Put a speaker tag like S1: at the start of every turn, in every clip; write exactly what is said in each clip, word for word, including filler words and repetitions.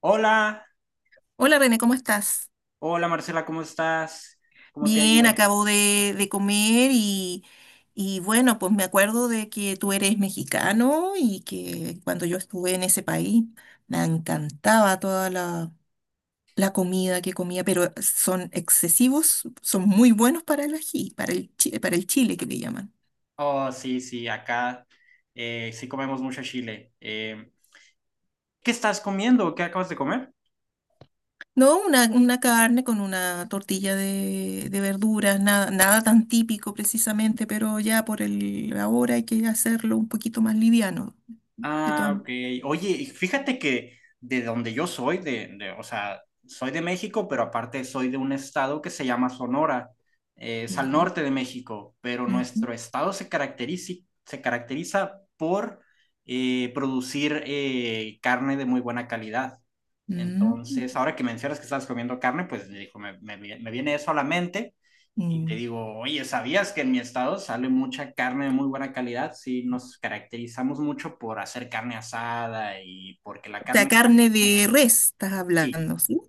S1: Hola,
S2: Hola René, ¿cómo estás?
S1: hola Marcela, ¿cómo estás? ¿Cómo te ha
S2: Bien,
S1: ido?
S2: acabo de, de comer y, y bueno, pues me acuerdo de que tú eres mexicano y que cuando yo estuve en ese país me encantaba toda la, la comida que comía, pero son excesivos, son muy buenos para el ají, para el, chi- para el chile que le llaman.
S1: Oh, sí, sí, acá eh, sí comemos mucho chile. Eh, ¿qué estás comiendo? ¿Qué acabas de comer?
S2: No, una, una carne con una tortilla de, de verduras, nada, nada tan típico precisamente, pero ya por el ahora hay que hacerlo un poquito más liviano. De todas.
S1: Ah, ok. Oye, y fíjate que de donde yo soy, de, de- o sea, soy de México, pero aparte soy de un estado que se llama Sonora. Eh, es al
S2: Ya.
S1: norte de México, pero
S2: Ujú.
S1: nuestro estado se caracteriza, se caracteriza por eh, producir eh, carne de muy buena calidad.
S2: Mm,
S1: Entonces, ahora que mencionas que estabas comiendo carne, pues dijo, me, me, me viene eso a la mente y te
S2: mm.
S1: digo, oye, ¿sabías que en mi estado sale mucha carne de muy buena calidad? Sí, nos caracterizamos mucho por hacer carne asada y porque la
S2: O sea,
S1: carne...
S2: carne de res estás
S1: Sí,
S2: hablando, ¿sí?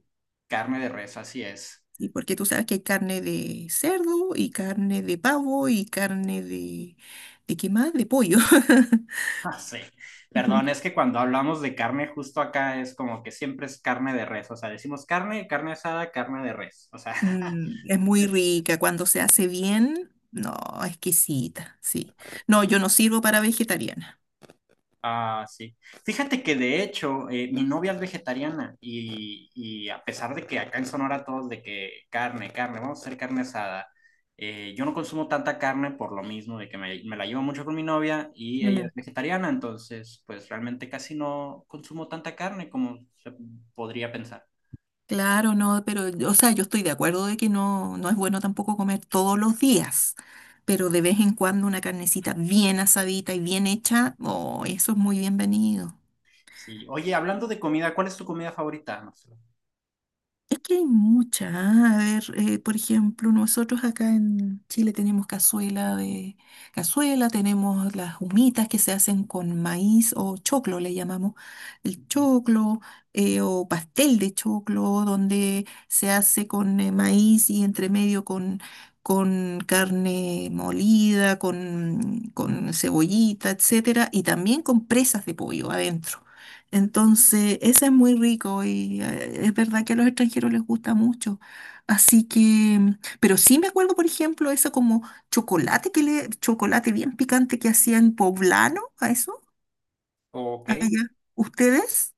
S1: carne de res, así es.
S2: Sí, porque tú sabes que hay carne de cerdo y carne de pavo y carne de... ¿De qué más? De pollo.
S1: Ah, sí.
S2: Ujú.
S1: Perdón, es que cuando hablamos de carne justo acá es como que siempre es carne de res, o sea, decimos carne, carne asada, carne de res, o sea,
S2: Mm, es muy rica cuando se hace bien. No, exquisita, sí. No, yo no sirvo para vegetariana.
S1: Ah, sí. Fíjate que de hecho, eh, mi novia es vegetariana y, y a pesar de que acá en Sonora todos de que carne, carne, vamos a hacer carne asada, eh, yo no consumo tanta carne por lo mismo de que me, me la llevo mucho con mi novia y ella es vegetariana, entonces pues realmente casi no consumo tanta carne como se podría pensar.
S2: Claro, no, pero, o sea, yo estoy de acuerdo de que no, no es bueno tampoco comer todos los días, pero de vez en cuando una carnecita bien asadita y bien hecha, oh, eso es muy bienvenido.
S1: Sí. Oye, hablando de comida, ¿cuál es tu comida favorita, Marcelo?
S2: Es que hay muchas. A ver, eh, por ejemplo, nosotros acá en Chile tenemos cazuela de cazuela, tenemos las humitas que se hacen con maíz o choclo, le llamamos el choclo, eh, o pastel de choclo, donde se hace con eh, maíz y entre medio con, con carne molida, con, con cebollita, etcétera, y también con presas de pollo adentro. Entonces, ese es muy rico y eh, es verdad que a los extranjeros les gusta mucho. Así que, mm, pero sí me acuerdo, por ejemplo, eso como chocolate que le, chocolate bien picante que hacían poblano, a eso,
S1: Ok,
S2: allá. ¿Ustedes?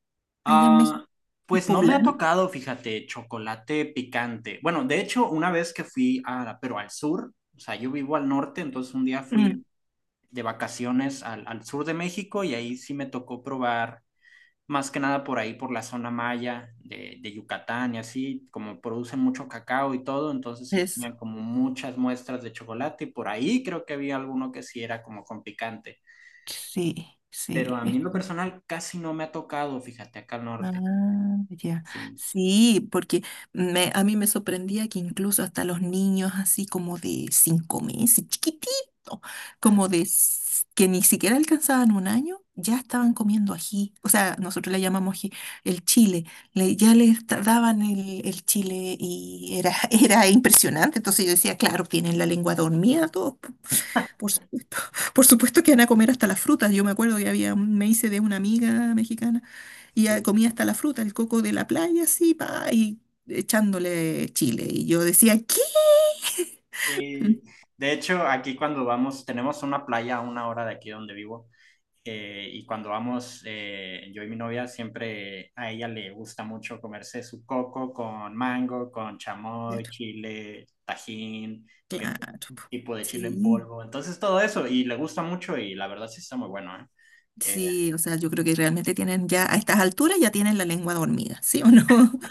S2: Allá en
S1: ah,
S2: México, el
S1: pues no me ha
S2: poblano.
S1: tocado, fíjate, chocolate picante. Bueno, de hecho, una vez que fui a, pero al sur, o sea, yo vivo al norte, entonces un día
S2: Mm,
S1: fui de vacaciones al, al sur de México y ahí sí me tocó probar, más que nada por ahí, por la zona maya de, de Yucatán y así, como producen mucho cacao y todo, entonces sí
S2: eso.
S1: tenían como muchas muestras de chocolate y por ahí creo que había alguno que sí era como con picante.
S2: Sí,
S1: Pero
S2: sí.
S1: a mí
S2: es-
S1: en lo personal casi no me ha tocado, fíjate, acá al
S2: Ah,
S1: norte.
S2: ya.
S1: Sí.
S2: Sí, porque me, a mí me sorprendía que incluso hasta los niños así como de cinco meses, chiquitito como de s- que ni siquiera alcanzaban un año, ya estaban comiendo ají. O sea, nosotros le llamamos ají, el chile. Le- ya les ta- daban el, el chile y era, era impresionante. Entonces yo decía, claro, tienen la lengua dormida todos, por supuesto que van a comer hasta las frutas. Yo me acuerdo que había, un- me hice de una amiga mexicana y ella comía hasta la fruta, el coco de la playa, así, pa, y echándole chile. Y yo decía, ¿qué? Mm.
S1: Sí, de hecho, aquí cuando vamos, tenemos una playa a una hora de aquí donde vivo. Eh, y cuando vamos, eh, yo y mi novia, siempre a ella le gusta mucho comerse su coco con mango, con chamoy,
S2: Claro,
S1: chile, tajín, que
S2: claro. Po.
S1: tipo de chile en
S2: Sí,
S1: polvo. Entonces todo eso, y le gusta mucho y la verdad sí está muy bueno, ¿eh? Eh,
S2: sí, o sea, yo creo que realmente tienen ya, a estas alturas ya tienen la lengua dormida, ¿sí o no?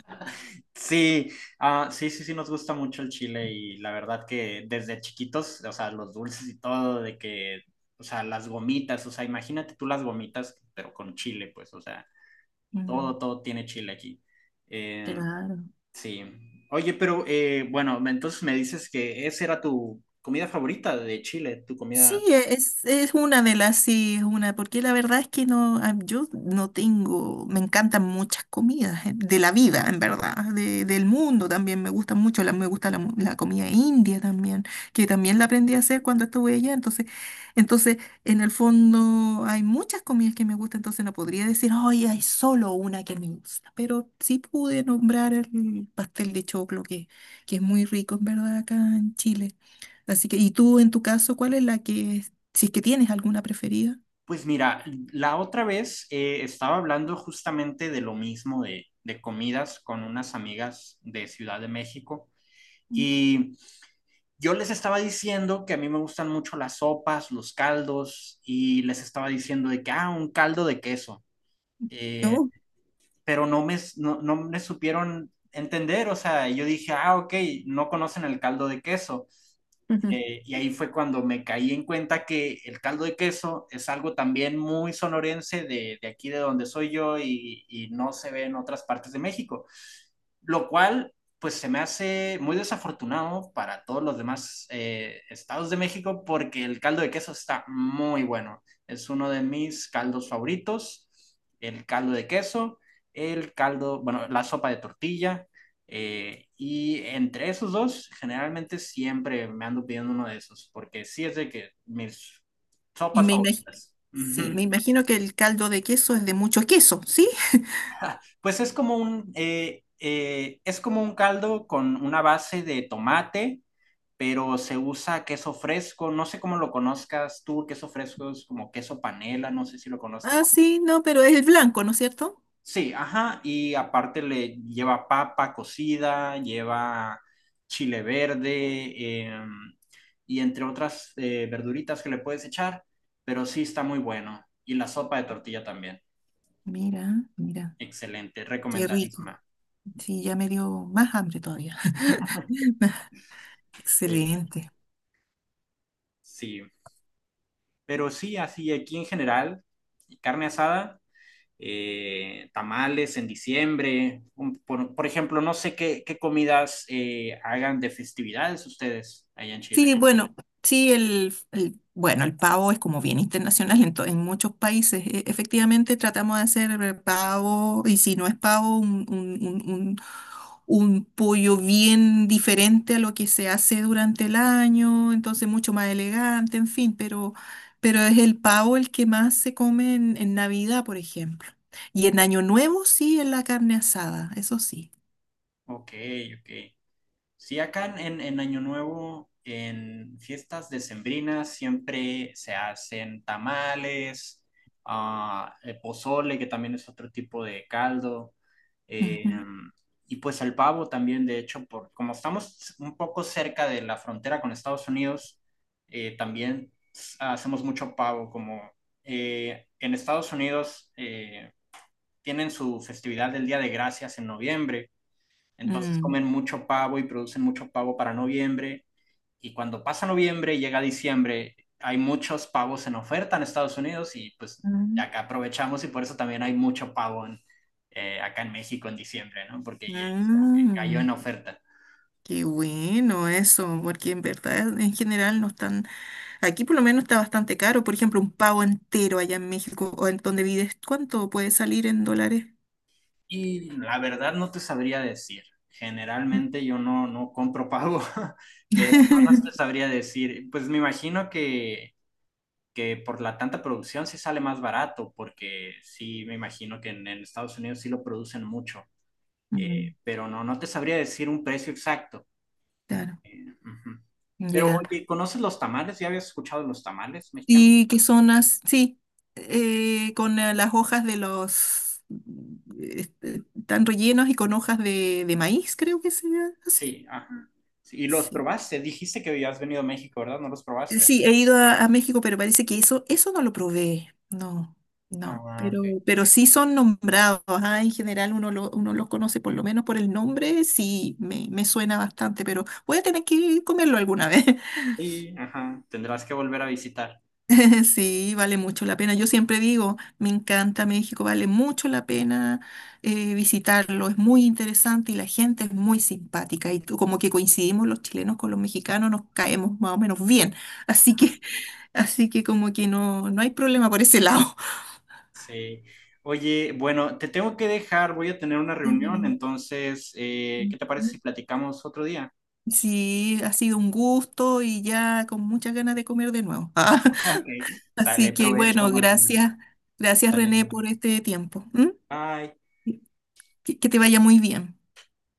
S1: Sí, ah, sí, sí, sí, nos gusta mucho el chile y la verdad que desde chiquitos, o sea, los dulces y todo, de que, o sea, las gomitas, o sea, imagínate tú las gomitas, pero con chile, pues, o sea,
S2: Mm.
S1: todo, todo tiene chile aquí. Eh,
S2: Claro.
S1: sí. Oye, pero eh, bueno, me- entonces me dices que esa era tu comida favorita de Chile, tu
S2: Sí,
S1: comida.
S2: e, es, es una de las, sí, es una, porque la verdad es que no, ah, yo no tengo, me encantan muchas comidas eh, de la vida, en verdad, de- del mundo también, me gustan mucho, la, me gusta la, mu- la comida india también, que también la aprendí a hacer cuando estuve allá, entonces, entonces, en el fondo hay muchas comidas que me gustan, entonces no podría decir, ay, hay solo una que me gusta, pero sí pude nombrar el pastel de choclo, que, que es muy rico, en verdad, acá en Chile. Así que, ¿y tú en tu caso, cuál es la que, si es que tienes alguna preferida?
S1: Pues mira, la otra vez eh, estaba hablando justamente de lo mismo de, de comidas con unas amigas de Ciudad de México.
S2: Mm.
S1: Y yo les estaba diciendo que a mí me gustan mucho las sopas, los caldos, y les estaba diciendo de que, ah, un caldo de queso. Eh,
S2: ¿No?
S1: pero no me, no, no me supieron entender, o sea, yo dije, ah, ok, no conocen el caldo de queso.
S2: Ujú.
S1: Eh, y ahí fue cuando me caí en cuenta que el caldo de queso es algo también muy sonorense de, de aquí de donde soy yo y, y no se ve en otras partes de México, lo cual pues se me hace muy desafortunado para todos los demás eh, estados de México porque el caldo de queso está muy bueno. Es uno de mis caldos favoritos, el caldo de queso, el caldo, bueno, la sopa de tortilla. Eh, y entre esos dos, generalmente siempre me ando pidiendo uno de esos porque sí es de que mis
S2: Y
S1: sopas
S2: me imagino,
S1: favoritas.
S2: sí,
S1: Ujú.
S2: me imagino que el caldo de queso es de mucho queso, ¿sí?
S1: Pues es como un, eh, eh, es como un caldo con una base de tomate, pero se usa queso fresco, no sé cómo lo conozcas tú, queso fresco es como queso panela, no sé si lo conozcas.
S2: Ah, sí, no, pero es el blanco, ¿no es cierto?
S1: Sí, ajá, y aparte le lleva papa cocida, lleva chile verde, eh, y entre otras eh, verduritas que le puedes echar, pero sí está muy bueno. Y la sopa de tortilla también,
S2: Mira, mira,
S1: excelente,
S2: qué rico.
S1: recomendadísima.
S2: Sí, ya me dio más hambre todavía.
S1: Sí,
S2: Excelente.
S1: sí, pero sí, así aquí en general, carne asada, eh, tamales en diciembre. Por, por ejemplo, no sé qué, qué comidas eh, hagan de festividades ustedes allá en Chile.
S2: Sí, bueno, sí, el, el- bueno, el pavo es como bien internacional en, to- en muchos países. E- efectivamente, tratamos de hacer eh, pavo, y si no es pavo, un, un, un, un- un pollo bien diferente a lo que se hace durante el año, entonces mucho más elegante, en fin, pero, pero es el pavo el que más se come en, en Navidad, por ejemplo. Y en Año Nuevo, sí, en la carne asada, eso sí.
S1: Ok, ok. Sí, acá en, en- en Año Nuevo, en fiestas decembrinas, siempre se hacen tamales, ah, eh, pozole, que también es otro tipo de caldo, eh,
S2: Ujú.
S1: y pues el pavo también, de hecho, por, como estamos un poco cerca de la frontera con Estados Unidos, eh, también s- hacemos mucho pavo, como eh, en Estados Unidos eh, tienen su festividad del Día de Gracias en noviembre, entonces
S2: Mm.
S1: comen mucho pavo y producen mucho pavo para noviembre. Y cuando pasa noviembre y llega diciembre, hay muchos pavos en oferta en Estados Unidos y pues
S2: Mm.
S1: acá aprovechamos y por eso también hay mucho pavo en, eh, acá en México en diciembre, ¿no? Porque como que cayó en
S2: Mm.
S1: oferta.
S2: Qué bueno eso, porque en verdad en general no están, aquí por lo menos está bastante caro, por ejemplo, un pavo entero allá en México o en donde vives, ¿cuánto puede salir en dólares?
S1: Y la verdad no te sabría decir. Generalmente yo no, no compro pavo, pero no, no te sabría decir. Pues me imagino que que por la tanta producción sí sale más barato, porque sí me imagino que en, en Estados Unidos sí lo producen mucho,
S2: Mm.
S1: eh, pero no, no te sabría decir un precio exacto.
S2: Claro,
S1: Eh, ujú. Pero
S2: ya.
S1: oye, ¿conoces los tamales? ¿Ya habías escuchado los tamales mexicanos?
S2: ¿Y qué son as- Sí, eh, con eh, las hojas de los, este, están rellenos y con hojas de, de maíz, creo que se hace.
S1: Sí, ajá. Sí, y los probaste, dijiste que habías venido a México, ¿verdad? ¿No los probaste?
S2: Sí, he ido a, a México, pero parece que eso, eso no lo probé. No, no.
S1: Ah,
S2: Pero,
S1: ok.
S2: pero sí son nombrados. Ah, en general uno, lo, uno los conoce por lo menos por el nombre. Sí, me, me suena bastante, pero voy a tener que comerlo alguna vez.
S1: Sí, ajá, tendrás que volver a visitar.
S2: Sí, vale mucho la pena. Yo siempre digo, me encanta México, vale mucho la pena eh, visitarlo, es muy interesante y la gente es muy simpática. Y tú- como que coincidimos los chilenos con los mexicanos, nos caemos más o menos bien. Así que, así que como que no, no hay problema por ese lado.
S1: Sí. Oye, bueno, te tengo que dejar, voy a tener una reunión,
S2: Sí,
S1: entonces, eh, ¿qué te parece
S2: ujú.
S1: si platicamos otro día?
S2: Sí, ha sido un gusto y ya con muchas ganas de comer de nuevo.
S1: Ok, sale
S2: Así que
S1: provecho,
S2: bueno,
S1: Marcelo.
S2: gracias, gracias
S1: Sale,
S2: René por este tiempo. ¿M?
S1: bye.
S2: Que, que te vaya muy bien.